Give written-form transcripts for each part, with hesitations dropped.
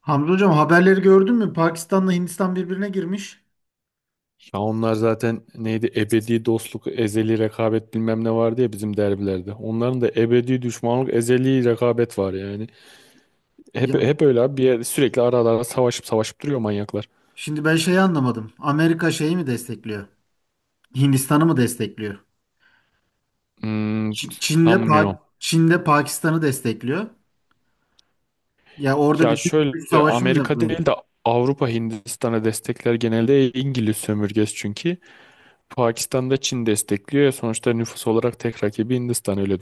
Hamza hocam haberleri gördün mü? Pakistan'la Hindistan birbirine girmiş. Ya onlar zaten neydi? Ebedi dostluk, ezeli rekabet bilmem ne vardı ya bizim derbilerde. Onların da ebedi düşmanlık, ezeli rekabet var yani. Ya Hep hep öyle abi bir yer, sürekli ara ara savaşıp savaşıp duruyor manyaklar. şimdi ben şeyi anlamadım. Amerika şeyi mi destekliyor? Hindistan'ı mı destekliyor? Hmm, Çin- Çin'le sanmıyorum. Pa- Çin'le Pakistan'ı destekliyor. Ya orada bir Ya güç şöyle savaşı mı Amerika yapıyor? değil de Avrupa Hindistan'a destekler genelde İngiliz sömürgesi çünkü. Pakistan'da Çin destekliyor ya sonuçta nüfus olarak tek rakibi Hindistan öyle.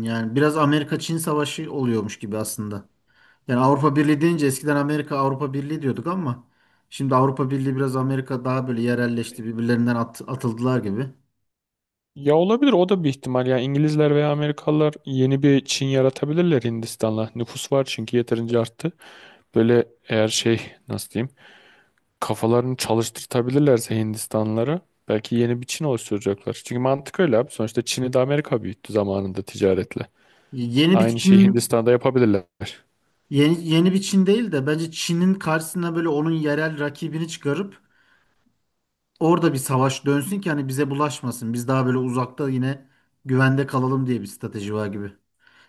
Yani biraz Amerika-Çin savaşı oluyormuş gibi aslında. Yani Avrupa Birliği deyince eskiden Amerika Avrupa Birliği diyorduk ama şimdi Avrupa Birliği biraz Amerika daha böyle yerelleşti, birbirlerinden atıldılar gibi. Ya olabilir o da bir ihtimal. Yani İngilizler veya Amerikalılar yeni bir Çin yaratabilirler Hindistan'la. Nüfus var çünkü yeterince arttı. Böyle eğer şey, nasıl diyeyim, kafalarını çalıştırtabilirlerse Hindistanlılara belki yeni bir Çin oluşturacaklar. Çünkü mantık öyle abi. Sonuçta Çin'i de Amerika büyüttü zamanında ticaretle. Yeni bir Aynı şeyi Çin. Hindistan'da yapabilirler. Yeni bir Çin değil de bence Çin'in karşısına böyle onun yerel rakibini çıkarıp orada bir savaş dönsün ki hani bize bulaşmasın. Biz daha böyle uzakta yine güvende kalalım diye bir strateji var gibi.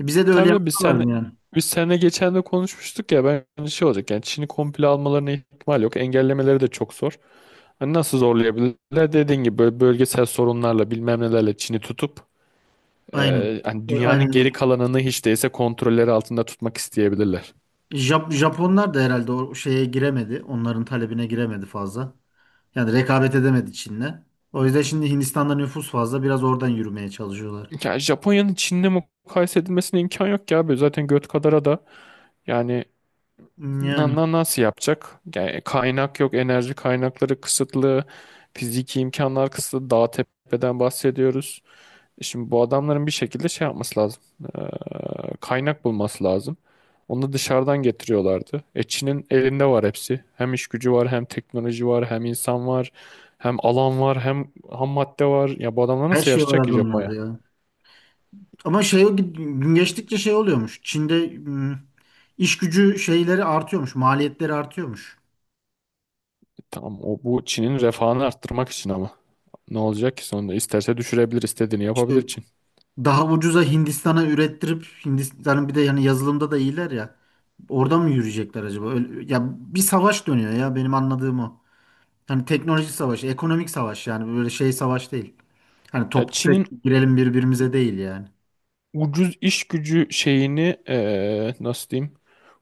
E bize de öyle Tabii de yaptılar mı yani? biz seninle geçen de konuşmuştuk ya, bence şey olacak yani Çin'i komple almalarına ihtimal yok. Engellemeleri de çok zor. Hani nasıl zorlayabilirler? Dediğin gibi böyle bölgesel sorunlarla bilmem nelerle Çin'i tutup Aynen. Hani E, dünyanın aynen geri öyle. kalanını hiç değilse kontrolleri altında tutmak isteyebilirler. Japonlar da herhalde o şeye giremedi. Onların talebine giremedi fazla. Yani rekabet edemedi Çin'le. O yüzden şimdi Hindistan'da nüfus fazla. Biraz oradan yürümeye çalışıyorlar. Ya Japonya'nın Çin'le mukayese edilmesine imkan yok ya abi. Zaten göt kadara da yani Yani nasıl yapacak? Yani kaynak yok, enerji kaynakları kısıtlı, fiziki imkanlar kısıtlı, dağ tepeden bahsediyoruz. Şimdi bu adamların bir şekilde şey yapması lazım. Ee, kaynak bulması lazım. Onu dışarıdan getiriyorlardı. E, Çin'in elinde var hepsi. Hem iş gücü var, hem teknoloji var, hem insan var, hem alan var, hem ham madde var. Ya bu adamlar her nasıl şey var yarışacak ki Japonya? adamlarda ya. Ama şey gün geçtikçe şey oluyormuş. Çin'de iş gücü şeyleri artıyormuş, maliyetleri artıyormuş. Tamam o bu Çin'in refahını arttırmak için ama. Ne olacak ki sonunda? İsterse düşürebilir, istediğini İşte yapabilir Çin. daha ucuza Hindistan'a ürettirip Hindistan'ın bir de yani yazılımda da iyiler ya. Orada mı yürüyecekler acaba? Öyle- ya bir savaş dönüyor ya benim anladığım o. Hani teknoloji savaşı, ekonomik savaş yani böyle şey savaş değil. Hani Ya top tüfek Çin'in girelim birbirimize değil yani. ucuz iş gücü şeyini nasıl diyeyim?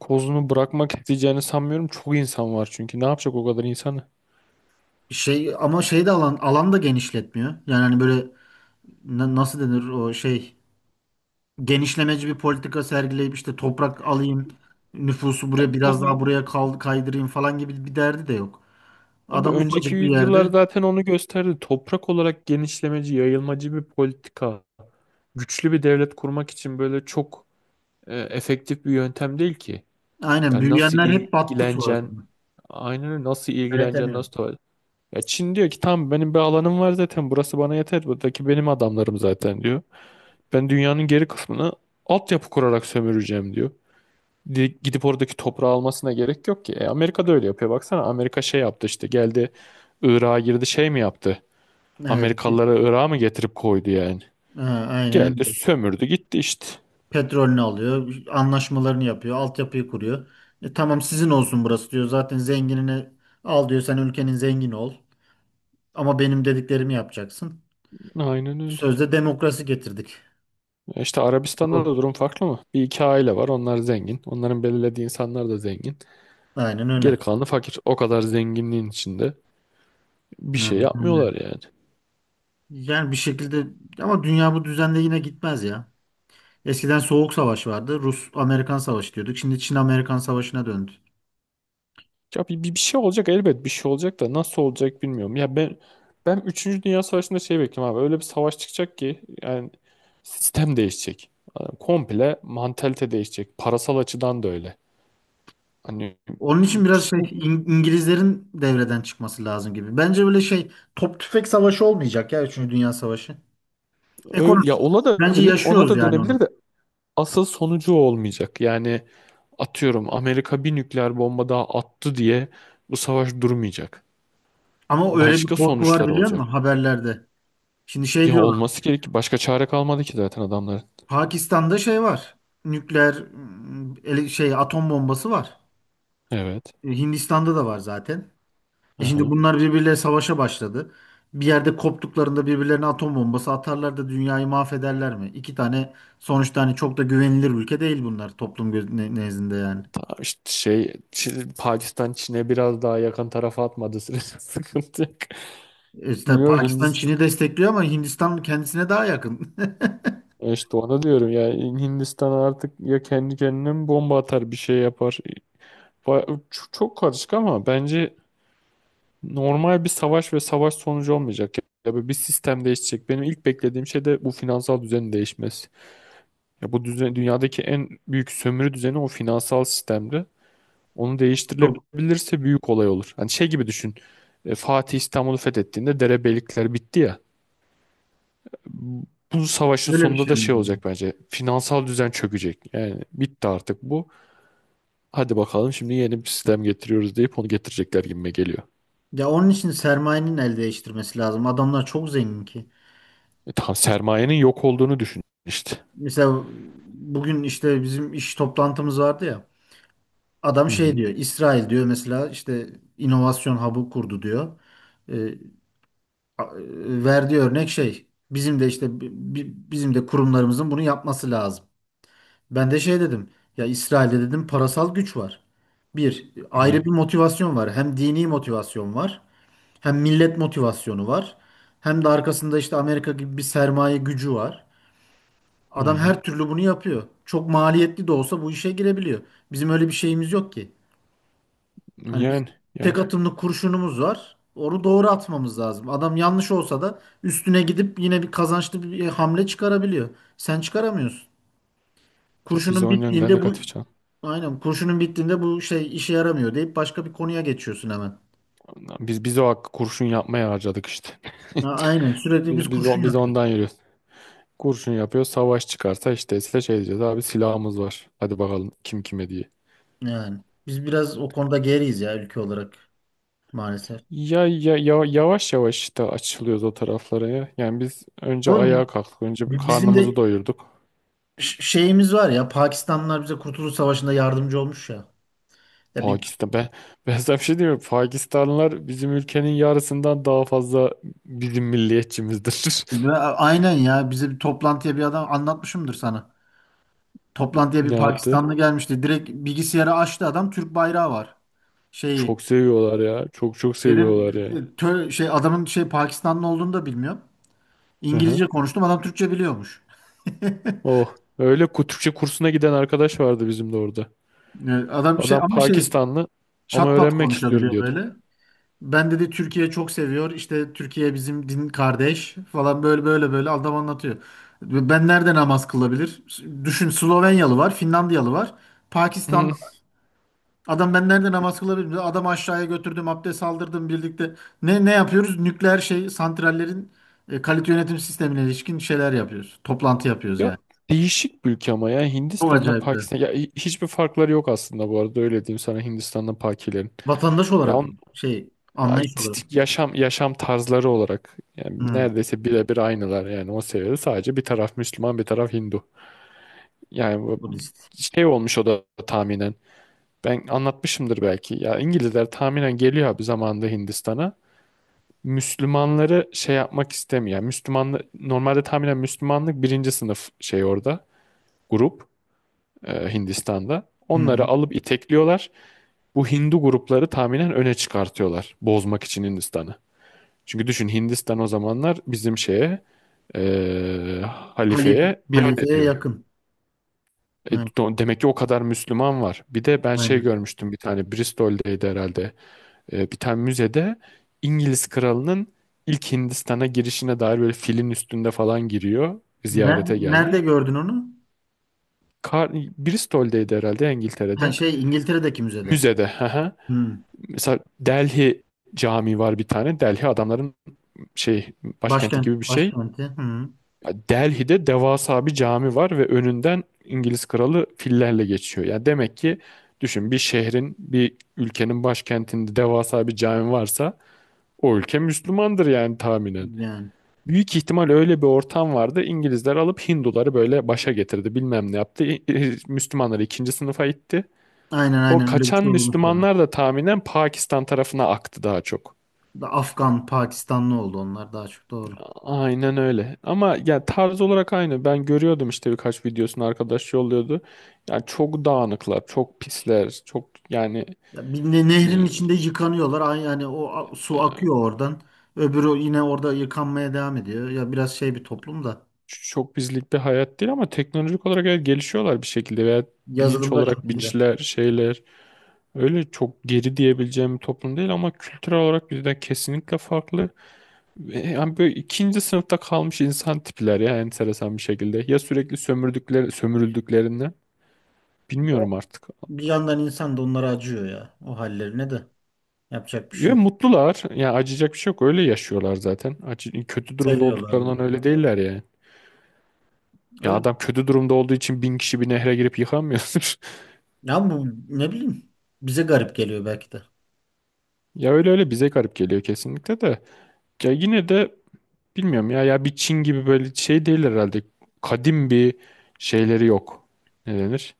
Kozunu bırakmak isteyeceğini sanmıyorum. Çok insan var çünkü. Ne yapacak o kadar insanı? Şey ama şey de alan da genişletmiyor. Yani hani böyle nasıl denir o şey, genişlemeci bir politika sergileyip işte toprak alayım, nüfusu buraya Abi, bu, biraz daha buraya kaydırayım falan gibi bir derdi de yok. abi Adam önceki ufacık bir yüzyıllar yerde. zaten onu gösterdi. Toprak olarak genişlemeci, yayılmacı bir politika. Güçlü bir devlet kurmak için böyle çok efektif bir yöntem değil ki. Aynen, Yani nasıl büyüyenler hep battı ilgileneceksin? sonrasında. Aynen öyle. Nasıl ilgileneceksin? Yönetemiyor. Nasıl tuvalet? Ya Çin diyor ki tamam benim bir alanım var zaten. Burası bana yeter. Buradaki benim adamlarım zaten diyor. Ben dünyanın geri kısmını altyapı kurarak sömüreceğim diyor. Gidip oradaki toprağı almasına gerek yok ki. E, Amerika da öyle yapıyor. Baksana Amerika şey yaptı işte, geldi Irak'a girdi, şey mi yaptı? Evet. Amerikalılara Irak'ı mı getirip koydu yani? Ha, aynen Geldi, öyle. sömürdü, gitti işte. Petrolünü alıyor, anlaşmalarını yapıyor, altyapıyı kuruyor. E, tamam sizin olsun burası diyor. Zaten zenginini al diyor. Sen ülkenin zengini ol. Ama benim dediklerimi yapacaksın. Aynen öyle. Sözde demokrasi getirdik. E, İşte Arabistan'da da Bu. durum farklı mı? Bir iki aile var, onlar zengin. Onların belirlediği insanlar da zengin. Aynen öyle. Geri kalanı fakir. O kadar zenginliğin içinde bir şey Aynen öyle. yapmıyorlar yani. Yani bir şekilde ama dünya bu düzende yine gitmez ya. Eskiden Soğuk Savaş vardı. Rus-Amerikan Savaşı diyorduk. Şimdi Çin-Amerikan Savaşı'na döndü. Ya bir şey olacak elbet, bir şey olacak da nasıl olacak bilmiyorum. Ya ben üçüncü Dünya Savaşı'nda şey bekliyorum abi. Öyle bir savaş çıkacak ki yani sistem değişecek. Yani komple mantalite değişecek. Parasal açıdan da öyle. Hani Onun için biraz şey bu İngilizlerin devreden çıkması lazım gibi. Bence böyle şey top tüfek savaşı olmayacak ya 3. Dünya Savaşı. Ekonomi. öyle ya, ona da Bence bilir, ona yaşıyoruz da yani dönebilir onu. de asıl sonucu o olmayacak. Yani atıyorum Amerika bir nükleer bomba daha attı diye bu savaş durmayacak. Ama öyle bir Başka korku var sonuçlar biliyor musun olacak. haberlerde? Şimdi şey Ya diyorlar. olması gerek. Başka çare kalmadı ki zaten adamların. Pakistan'da şey var. Nükleer ım, ele- şey atom bombası var. Evet. E, Hindistan'da da var zaten. E şimdi Aha. bunlar birbirleriyle savaşa başladı. Bir yerde koptuklarında birbirlerine atom bombası atarlar da dünyayı mahvederler mi? İki tane sonuçta hani çok da güvenilir ülke değil bunlar toplum nezdinde yani. Ta- işte şey, Pakistan Çin'e biraz daha yakın tarafa atmadı sürece sıkıntı yok. E İşte Bilmiyorum Pakistan Hindistan, Çin'i destekliyor ama Hindistan kendisine daha yakın. işte ona diyorum ya, Hindistan artık ya kendi kendine mi bomba atar, bir şey yapar. Çok karışık ama bence normal bir savaş ve savaş sonucu olmayacak. Ya böyle bir sistem değişecek. Benim ilk beklediğim şey de bu finansal düzenin değişmesi. Ya bu düzen, dünyadaki en büyük sömürü düzeni o finansal sistemdi. Onu Çok değiştirilebilirse büyük olay olur. Hani şey gibi düşün. E, Fatih İstanbul'u fethettiğinde derebeylikler bitti ya. Bu savaşın öyle bir sonunda da şey mi? şey olacak bence. Finansal düzen çökecek. Yani bitti artık bu. Hadi bakalım şimdi yeni bir sistem getiriyoruz deyip onu getirecekler gibime geliyor. Ya onun için sermayenin el değiştirmesi lazım. Adamlar çok zengin ki. E, tam sermayenin yok olduğunu düşün işte. Mesela bugün işte bizim iş toplantımız vardı ya. Adam Hı şey hı. diyor, İsrail diyor mesela işte inovasyon hub'ı kurdu diyor. E, verdiği örnek şey, bizim de işte bizim de kurumlarımızın bunu yapması lazım. Ben de şey dedim, ya İsrail'de dedim parasal güç var. Bir ayrı Aynen. bir motivasyon var. Hem dini motivasyon var, hem millet motivasyonu var. Hem de arkasında işte Amerika gibi bir sermaye gücü var. Adam Aynen. her türlü bunu yapıyor. Çok maliyetli de olsa bu işe girebiliyor. Bizim öyle bir şeyimiz yok ki. Hani biz Yani, yani. tek atımlı kurşunumuz var. Onu doğru atmamız lazım. Adam yanlış olsa da üstüne gidip yine bir kazançlı bir hamle çıkarabiliyor. Sen çıkaramıyorsun. Tabii, biz Kurşunun onun yönden bittiğinde bu negatif canım. aynen kurşunun bittiğinde bu şey işe yaramıyor deyip başka bir konuya geçiyorsun hemen. Biz o hakkı kurşun yapmaya harcadık işte. Ya aynen sürekli biz Biz biz, kurşun o- biz yapıyoruz. ondan yürüyoruz. Kurşun yapıyor. Savaş çıkarsa işte size şey diyeceğiz. Abi silahımız var. Hadi bakalım kim kime diye. Yani biz biraz o konuda geriyiz ya ülke olarak, maalesef. Ya, yavaş yavaş işte açılıyoruz o taraflara ya. Yani biz önce Ama bi- ayağa kalktık. Önce bir bizim karnımızı de doyurduk. şeyimiz var ya, Pakistanlılar bize Kurtuluş Savaşı'nda yardımcı olmuş ya. Ya bi- Pakistan. Ben, ben sana bir şey diyeyim mi? Pakistanlılar bizim ülkenin yarısından daha fazla bizim milliyetçimizdir. Ve aynen, ya bize bir toplantıya bir adam anlatmışımdır sana. Toplantıya bir Ne yaptı? Pakistanlı gelmişti. Direkt bilgisayarı açtı adam, Türk bayrağı var. Şeyi Çok seviyorlar ya. Çok çok dedim seviyorlar yani. Adamın şey Pakistanlı olduğunu da bilmiyorum. Hı hı. İngilizce konuştum, adam Türkçe biliyormuş. Oh. Öyle Türkçe kursuna giden arkadaş vardı bizim de orada. E, adam şey Adam ama şey Pakistanlı ama çat pat öğrenmek istiyorum konuşabiliyor diyordu. böyle. Ben dedi Türkiye çok seviyor. İşte Türkiye bizim din kardeş falan böyle böyle böyle adam anlatıyor. Ben nerede namaz kılabilir? Düşün, Slovenyalı var, Finlandiyalı var. Pakistanlı Hı. adam, ben nerede namaz kılabilirim? Adam aşağıya götürdüm, abdest aldırdım birlikte. Ne ne yapıyoruz? Nükleer şey santrallerin kalite yönetim sistemine ilişkin şeyler yapıyoruz. Toplantı yapıyoruz Ya yani. değişik bir ülke ama ya Çok Hindistan'da acayip de. Pakistan ya hiçbir farkları yok aslında, bu arada öyle diyeyim sana, Hindistan'da Pakilerin. Vatandaş Ya, olarak on, mı? Şey, ya anlayış t- olarak. t- yaşam yaşam tarzları olarak yani Hı, neredeyse birebir aynılar yani, o seviyede sadece bir taraf Müslüman, bir taraf Hindu. Yani bu Budist. şey olmuş o da tahminen. Ben anlatmışımdır belki. Ya İngilizler tahminen geliyor abi zamanında Hindistan'a. Müslümanları şey yapmak istemiyor. Yani Müslümanlı normalde tahminen Müslümanlık birinci sınıf şey orada, grup Hindistan'da. Onları Hı. alıp itekliyorlar. Bu Hindu grupları tahminen öne çıkartıyorlar bozmak için Hindistan'ı. Çünkü düşün, Hindistan o zamanlar bizim şeye, Halif, halifeye biat halifeye ediyor. yakın. E, Hı, demek ki o kadar Müslüman var. Bir de ben şey aynen. görmüştüm, bir tane Bristol'deydi herhalde. Bir tane müzede İngiliz kralının ilk Hindistan'a girişine dair, böyle filin üstünde falan giriyor. Nerede, Ziyarete nerede gelmiş. gördün onu? Bristol'deydi herhalde Ha, İngiltere'de. şey İngiltere'deki müzede. Müzede. Hı hı. Hı. Mesela Delhi Camii var bir tane. Delhi adamların şey, başkenti gibi bir Başkent, şey. başkenti. Hı. Delhi'de devasa bir cami var ve önünden İngiliz kralı fillerle geçiyor. Yani demek ki düşün, bir şehrin, bir ülkenin başkentinde devasa bir cami varsa o ülke Müslümandır yani tahminen. Yani. Büyük ihtimal öyle bir ortam vardı. İngilizler alıp Hinduları böyle başa getirdi. Bilmem ne yaptı. Müslümanları ikinci sınıfa itti. Aynen O aynen öyle bir kaçan şey olmuş ya. Müslümanlar da tahminen Pakistan tarafına aktı daha çok. Da Afgan, Pakistanlı oldu onlar daha çok, doğru. Aynen öyle. Ama ya tarz olarak aynı. Ben görüyordum işte, birkaç videosunu arkadaş yolluyordu. Yani çok dağınıklar, çok pisler, çok yani Ya bir ne- e, nehrin içinde yıkanıyorlar. Yani o su akıyor oradan. Öbürü yine orada yıkanmaya devam ediyor. Ya biraz şey bir toplum da. çok bizlik bir hayat değil, ama teknolojik olarak evet, gelişiyorlar bir şekilde veya bilinç Yazılımda olarak çok iyiler. bilinçler, şeyler. Öyle çok geri diyebileceğim bir toplum değil ama kültürel olarak bizden kesinlikle farklı. Ve yani böyle ikinci sınıfta kalmış insan tipler ya, enteresan bir şekilde. Ya sürekli sömürdükleri, sömürüldüklerinden O, bilmiyorum artık. bir yandan insan da onlara acıyor ya. O hallerine de. Yapacak bir şey Ya yok. mutlular. Ya acıyacak bir şey yok. Öyle yaşıyorlar zaten. Acı, kötü durumda Seviyorlar bir olduklarından de. öyle değiller yani. Ya Öyle. adam kötü durumda olduğu için 1.000 kişi bir nehre girip yıkanmıyordur. Ya bu ne bileyim. Bize garip geliyor belki de. Ya öyle öyle bize garip geliyor kesinlikle de. Ya yine de bilmiyorum ya bir Çin gibi böyle şey değil herhalde. Kadim bir şeyleri yok. Ne denir?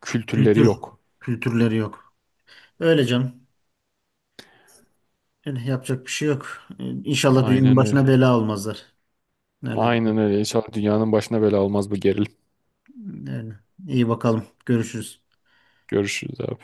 Kültürleri Kültür. yok. Kültürleri yok. Öyle canım. Yani yapacak bir şey yok. İnşallah dünyanın Aynen öyle. başına bela olmazlar. Öyle. Aynen öyle. İnşallah dünyanın başına bela olmaz bu gerilim. Öyle. İyi bakalım. Görüşürüz. Görüşürüz abi.